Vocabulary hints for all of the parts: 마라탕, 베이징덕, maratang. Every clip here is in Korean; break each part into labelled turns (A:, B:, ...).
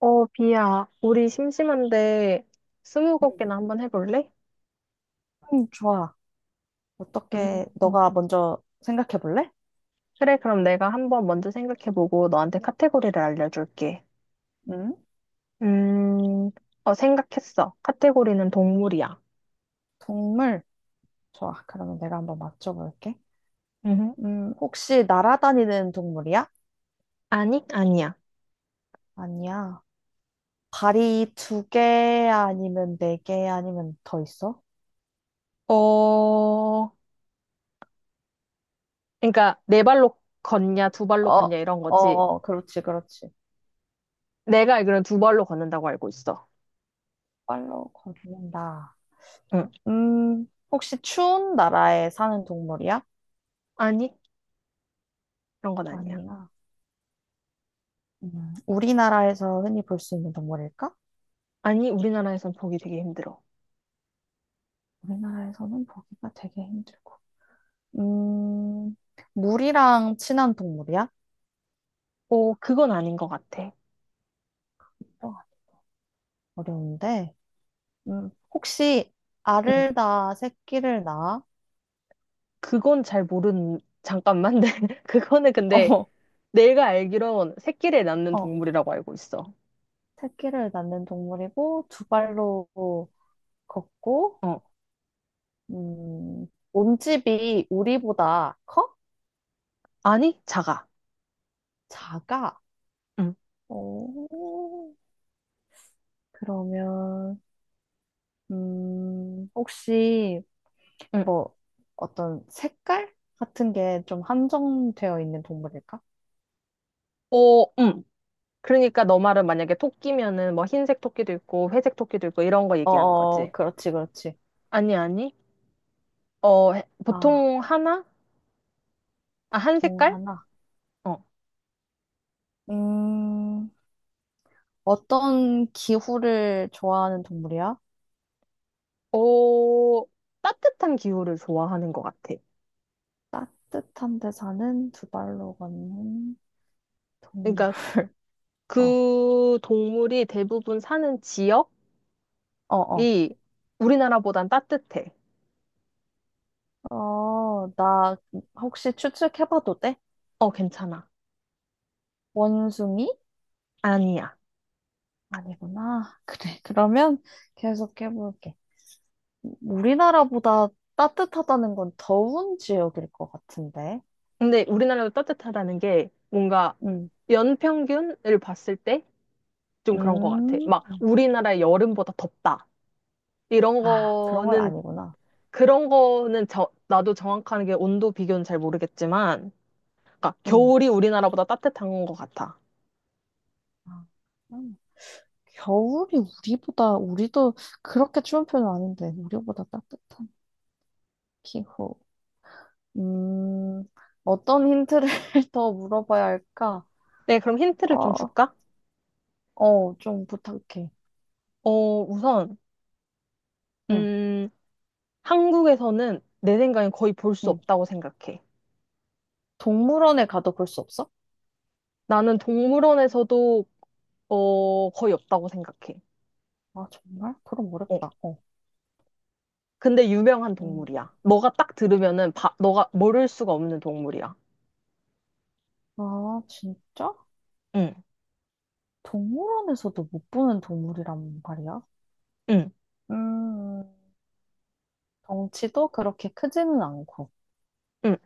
A: 비야, 우리 심심한데
B: 음.
A: 스무고개나 한번 해볼래?
B: 좋아.
A: 음,
B: 어떻게,
A: 음.
B: 너가 먼저 생각해 볼래?
A: 그래, 그럼 내가 한번 먼저 생각해보고 너한테 카테고리를 알려줄게.
B: 음,
A: 음, 생각했어. 카테고리는 동물이야.
B: 동물. 좋아. 그러면 내가 한번 맞춰볼게.
A: 음,
B: 혹시 날아다니는 동물이야?
A: 아니? 아니야.
B: 아니야. 발이 두 개 아니면 네 개 아니면 더 있어?
A: 어, 그러니까 네 발로 걷냐, 두 발로
B: 어,
A: 걷냐
B: 어,
A: 이런 거지.
B: 그렇지, 그렇지.
A: 내가 알기로는 두 발로 걷는다고 알고 있어.
B: 빨로 걷는다.
A: 응.
B: 혹시 추운 나라에 사는 동물이야?
A: 아니? 그런 건 아니야.
B: 아니야. 우리나라에서 흔히 볼 수 있는 동물일까?
A: 아니, 우리나라에선 보기 되게 힘들어.
B: 우리나라에서는 보기가 되게 힘들고. 음, 물이랑 친한 동물이야?
A: 그건 아닌 것 같아.
B: 어, 어려운데. 음, 혹시, 알을 낳아 새끼를 낳아?
A: 그건 잘 모르는, 잠깐만. 네. 그거는 근데 내가 알기론 새끼를 낳는
B: 어, 어,
A: 동물이라고 알고 있어.
B: 새끼를 낳는 동물이고 두 발로 걷고.
A: 어.
B: 음, 몸집이 우리보다 커?
A: 아니, 작아.
B: 작아?
A: 응,
B: 오, 그러면 혹시
A: 응.
B: 뭐 어떤 색깔 같은 게 좀 한정되어 있는 동물일까?
A: 어, 응. 그러니까 너 말은 만약에 토끼면은 뭐 흰색 토끼도 있고 회색 토끼도 있고 이런 거 얘기하는 거지.
B: 그렇지, 그렇지.
A: 아니, 아니.
B: 아,
A: 보통 하나? 아, 한
B: 동
A: 색깔?
B: 하나.
A: 어.
B: 음, 어떤 기후를 좋아하는 동물이야?
A: 어, 따뜻한 기후를 좋아하는 것 같아.
B: 따뜻한 데 사는 두 발로 걷는 동물.
A: 그러니까
B: 어,
A: 그 동물이 대부분 사는 지역이
B: 어, 어.
A: 우리나라보단 따뜻해.
B: 어, 나 혹시 추측해봐도 돼?
A: 어, 괜찮아.
B: 원숭이?
A: 아니야.
B: 아니구나. 그래. 그러면 계속해볼게. 우리나라보다 따뜻하다는 건 더운 지역일 것 같은데.
A: 근데 우리나라도 따뜻하다는 게 뭔가
B: 음,
A: 연평균을 봤을 때 좀 그런 것 같아.
B: 음.
A: 막 우리나라 여름보다 덥다. 이런
B: 아, 그런 건
A: 거는,
B: 아니구나.
A: 그런 거는 나도 정확한 게 온도 비교는 잘 모르겠지만, 그러니까
B: 음.
A: 겨울이 우리나라보다 따뜻한 것 같아.
B: 아, 겨울이 우리도 그렇게 추운 편은 아닌데, 우리보다 따뜻한 기후. 음, 어떤 힌트를 더 물어봐야 할까?
A: 네, 그럼 힌트를 좀
B: 어,
A: 줄까?
B: 어, 좀 부탁해.
A: 어, 우선,
B: 응,
A: 음, 한국에서는 내 생각엔 거의 볼 수
B: 응.
A: 없다고 생각해.
B: 동물원에 가도 볼 수 없어?
A: 나는 동물원에서도, 거의 없다고 생각해.
B: 아, 정말? 그럼
A: 어.
B: 어렵다. 어.
A: 근데 유명한
B: 음.
A: 동물이야. 너가 딱 들으면은 너가 모를 수가 없는 동물이야.
B: 아, 진짜?
A: 응,
B: 동물원에서도 못 보는 동물이란 말이야?
A: 응,
B: 음, 덩치도 그렇게 크지는 않고.
A: 응,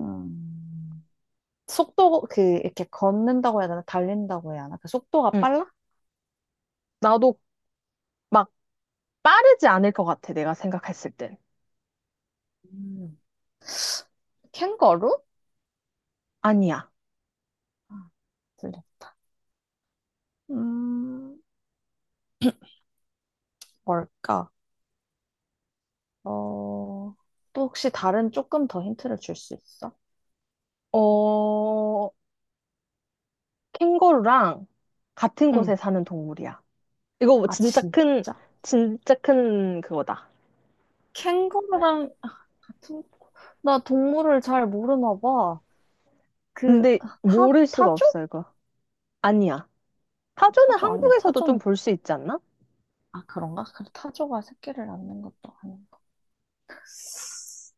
B: 음. 속도, 그, 이렇게 걷는다고 해야 되나? 달린다고 해야 하나? 그 속도가
A: 응.
B: 빨라?
A: 나도 막 빠르지 않을 것 같아. 내가 생각했을 땐.
B: 음, 캥거루?
A: 아니야.
B: 아, 들렸다. 음, 뭘까? 어, 또 혹시 다른 조금 더 힌트를 줄 수 있어?
A: 어, 캥거루랑 같은
B: 응.
A: 곳에 사는 동물이야. 이거 뭐
B: 아,
A: 진짜 큰,
B: 진짜.
A: 진짜 큰 그거다.
B: 캥거루랑 아, 같은, 나 동물을 잘 모르나 봐.
A: 근데 모를 수가
B: 타조?
A: 없어, 이거. 아니야. 타조는
B: 타조 아니야.
A: 한국에서도 좀
B: 타조는,
A: 볼 수 있지 않나?
B: 아, 그런가? 그래, 타조가 새끼를 낳는 것도 아니야.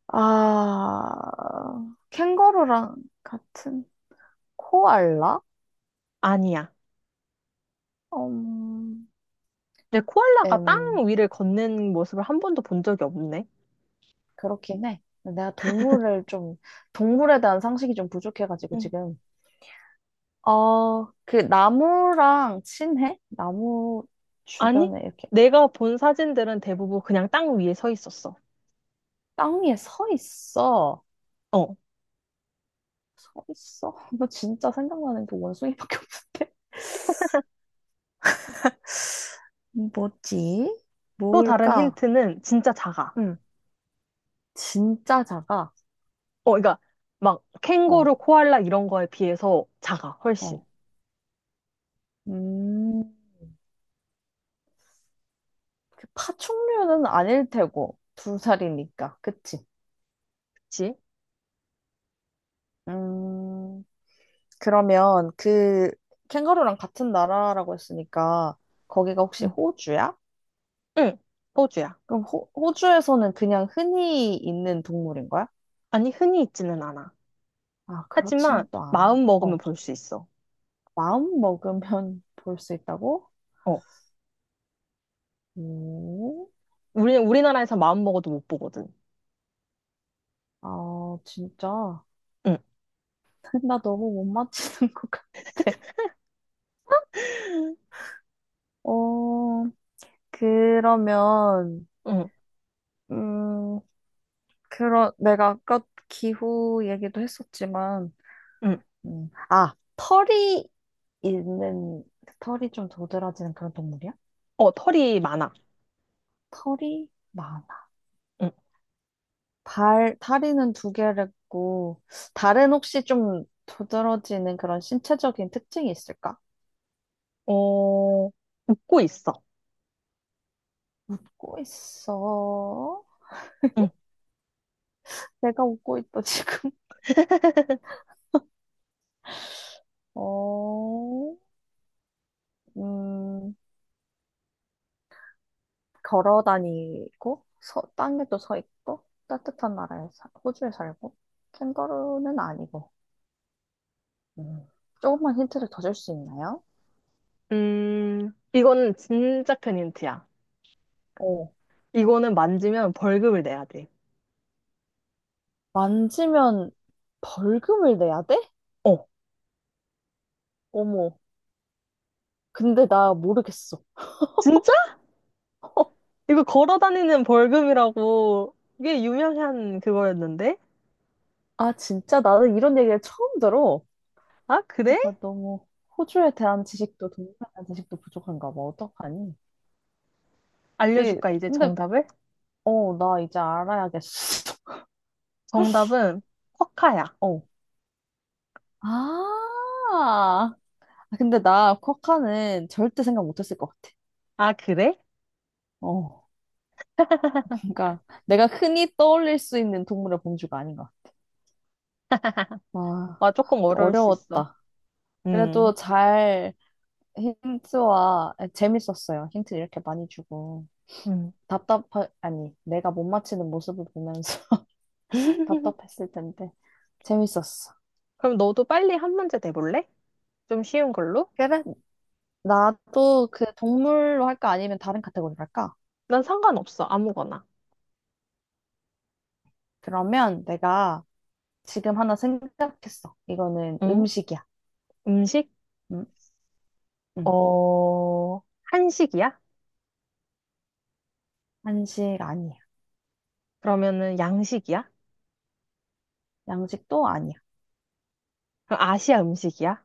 B: 아, 캥거루랑 같은 코알라?
A: 아니야.
B: 음,
A: 내 코알라가 땅
B: 음,
A: 위를 걷는 모습을 한 번도 본 적이 없네.
B: 그렇긴 해. 동물에 대한 상식이 좀 부족해가지고 지금. 어, 그 나무랑 친해? 나무
A: 아니,
B: 주변에 이렇게
A: 내가 본 사진들은 대부분 그냥 땅 위에 서 있었어.
B: 땅 위에 서 있어.
A: 어.
B: 서 있어? 나 진짜 생각나는 게 원숭이밖에 없는데. 뭐지?
A: 또 다른
B: 뭘까?
A: 힌트는 진짜 작아.
B: 응, 진짜 작아.
A: 그러니까 막
B: 어,
A: 캥거루, 코알라 이런 거에 비해서 작아, 훨씬.
B: 어. 음, 그 파충류는 아닐 테고, 두 살이니까. 그치?
A: 그치?
B: 음, 그러면 그 캥거루랑 같은 나라라고 했으니까, 거기가 혹시
A: 응.
B: 호주야?
A: 응, 호주야.
B: 그럼 호주에서는 그냥 흔히 있는 동물인 거야?
A: 아니, 흔히 있지는 않아.
B: 아,
A: 하지만
B: 그렇지는 또 않아.
A: 마음 먹으면
B: 어,
A: 볼 수 있어.
B: 마음 먹으면 볼 수 있다고?
A: 어.
B: 오,
A: 우리나라에서 마음 먹어도 못 보거든.
B: 아, 진짜.
A: 응,
B: 나 너무 못 맞히는 것 같아. 어, 그러면,
A: 응,
B: 음, 그런 내가 아까 기후 얘기도 했었지만,
A: 응.
B: 아, 털이 있는, 털이 좀 도드라지는 그런 동물이야?
A: 어, 털이 많아.
B: 털이 많아.
A: 응.
B: 발, 다리는 두 개를 있고, 다른 혹시 좀 도드라지는 그런 신체적인 특징이 있을까?
A: 어, 웃고 있어.
B: 웃고 있어.
A: 응.
B: 내가 웃고 있다, 지금. 어, 음, 걸어 다니고 서, 땅에도 서 있고 따뜻한 나라에 사, 호주에 살고 캥거루는 아니고 음. 조금만 힌트를 더 줄 수 있나요?
A: 이건 진짜 큰 힌트야.
B: 어,
A: 이거는 만지면 벌금을 내야 돼.
B: 만지면 벌금을 내야 돼?
A: 어.
B: 어머, 근데 나 모르겠어.
A: 진짜? 이거 걸어 다니는 벌금이라고 이게 유명한 그거였는데?
B: 아 진짜 나는 이런 얘기를 처음 들어.
A: 아, 그래?
B: 내가 너무 호주에 대한 지식도 동남아에 대한 지식도 부족한가 봐. 어떡하니? 그
A: 알려줄까, 이제
B: 근데
A: 정답을?
B: 어 나 이제 알아야겠어.
A: 정답은 쿼카야.
B: 어. 아 아, 근데 나 쿼카는 절대 생각 못했을 것 같아.
A: 아, 그래?
B: 어, 그러니까 내가 흔히 떠올릴 수 있는 동물의 범주가 아닌 것 같아. 와,
A: 아, 조금 어려울 수 있어.
B: 어려웠다.
A: 음,
B: 그래도 잘 힌트와 아, 재밌었어요. 힌트 이렇게 많이 주고
A: 음.
B: 답답하 아니 내가 못 맞히는 모습을 보면서 답답했을 텐데 재밌었어.
A: 그럼 너도 빨리 한 문제 내볼래? 좀 쉬운 걸로?
B: 그래, 나도 그 동물로 할까 아니면 다른 카테고리로 할까?
A: 난 상관없어, 아무거나.
B: 그러면 내가 지금 하나 생각했어. 이거는
A: 응?
B: 음식이야.
A: 음식?
B: 음, 음.
A: 한식이야?
B: 한식 아니야.
A: 그러면은 양식이야?
B: 양식도 아니야.
A: 그럼 아시아 음식이야?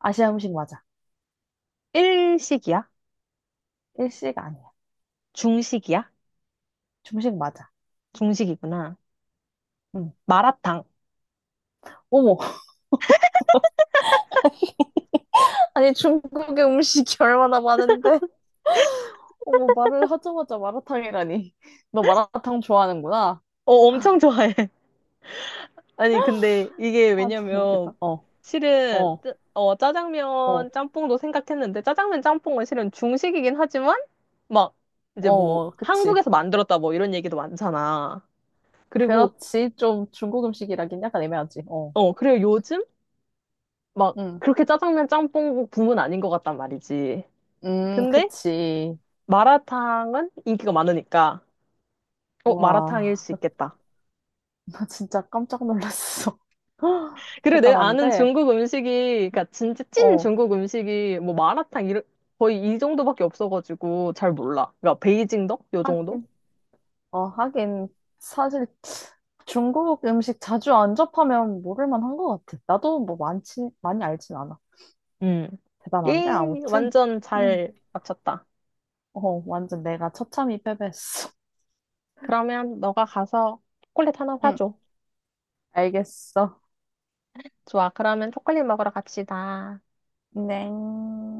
B: 아시아 음식 맞아.
A: 일식이야?
B: 일식 아니야.
A: 중식이야?
B: 중식 맞아.
A: 중식이구나.
B: 응.
A: 마라탕.
B: 어머, 아니 중국의 음식이 얼마나 많은데? 어머, 말을 하자마자 마라탕이라니. 너 마라탕 좋아하는구나.
A: 어, 엄청 좋아해. 아니, 근데 이게
B: 아, 너무
A: 왜냐면,
B: 웃기다. 어,
A: 실은,
B: 어,
A: 짜장면
B: 어,
A: 짬뽕도 생각했는데, 짜장면 짬뽕은 실은 중식이긴 하지만, 막, 이제 뭐,
B: 그치.
A: 한국에서 만들었다 뭐 이런 얘기도 많잖아. 그리고,
B: 그렇지. 좀 중국 음식이라긴 약간 애매하지.
A: 그리고 요즘, 막,
B: 응,
A: 그렇게 짜장면 짬뽕 붐은 아닌 것 같단 말이지. 근데,
B: 그치.
A: 마라탕은 인기가 많으니까, 마라탕일
B: 와,
A: 수
B: 나,
A: 있겠다.
B: 나 진짜 깜짝 놀랐어.
A: 그래, 내가 아는
B: 대단한데?
A: 중국 음식이, 그니까 진짜 찐
B: 어,
A: 중국 음식이 뭐 마라탕 이런 거의 이 정도밖에 없어가지고 잘 몰라. 그러니까 베이징덕 요 정도?
B: 하긴. 어, 하긴, 사실 중국 음식 자주 안 접하면 모를 만한 것 같아. 나도 뭐 많지, 많이 알진 않아.
A: 음.
B: 대단한데,
A: 예,
B: 아무튼.
A: 완전
B: 응.
A: 잘 맞췄다.
B: 어, 완전 내가 처참히 패배했어.
A: 그러면 너가 가서 초콜릿 하나
B: 응,
A: 사줘.
B: 알겠어.
A: 좋아, 그러면 초콜릿 먹으러 갑시다.
B: 네.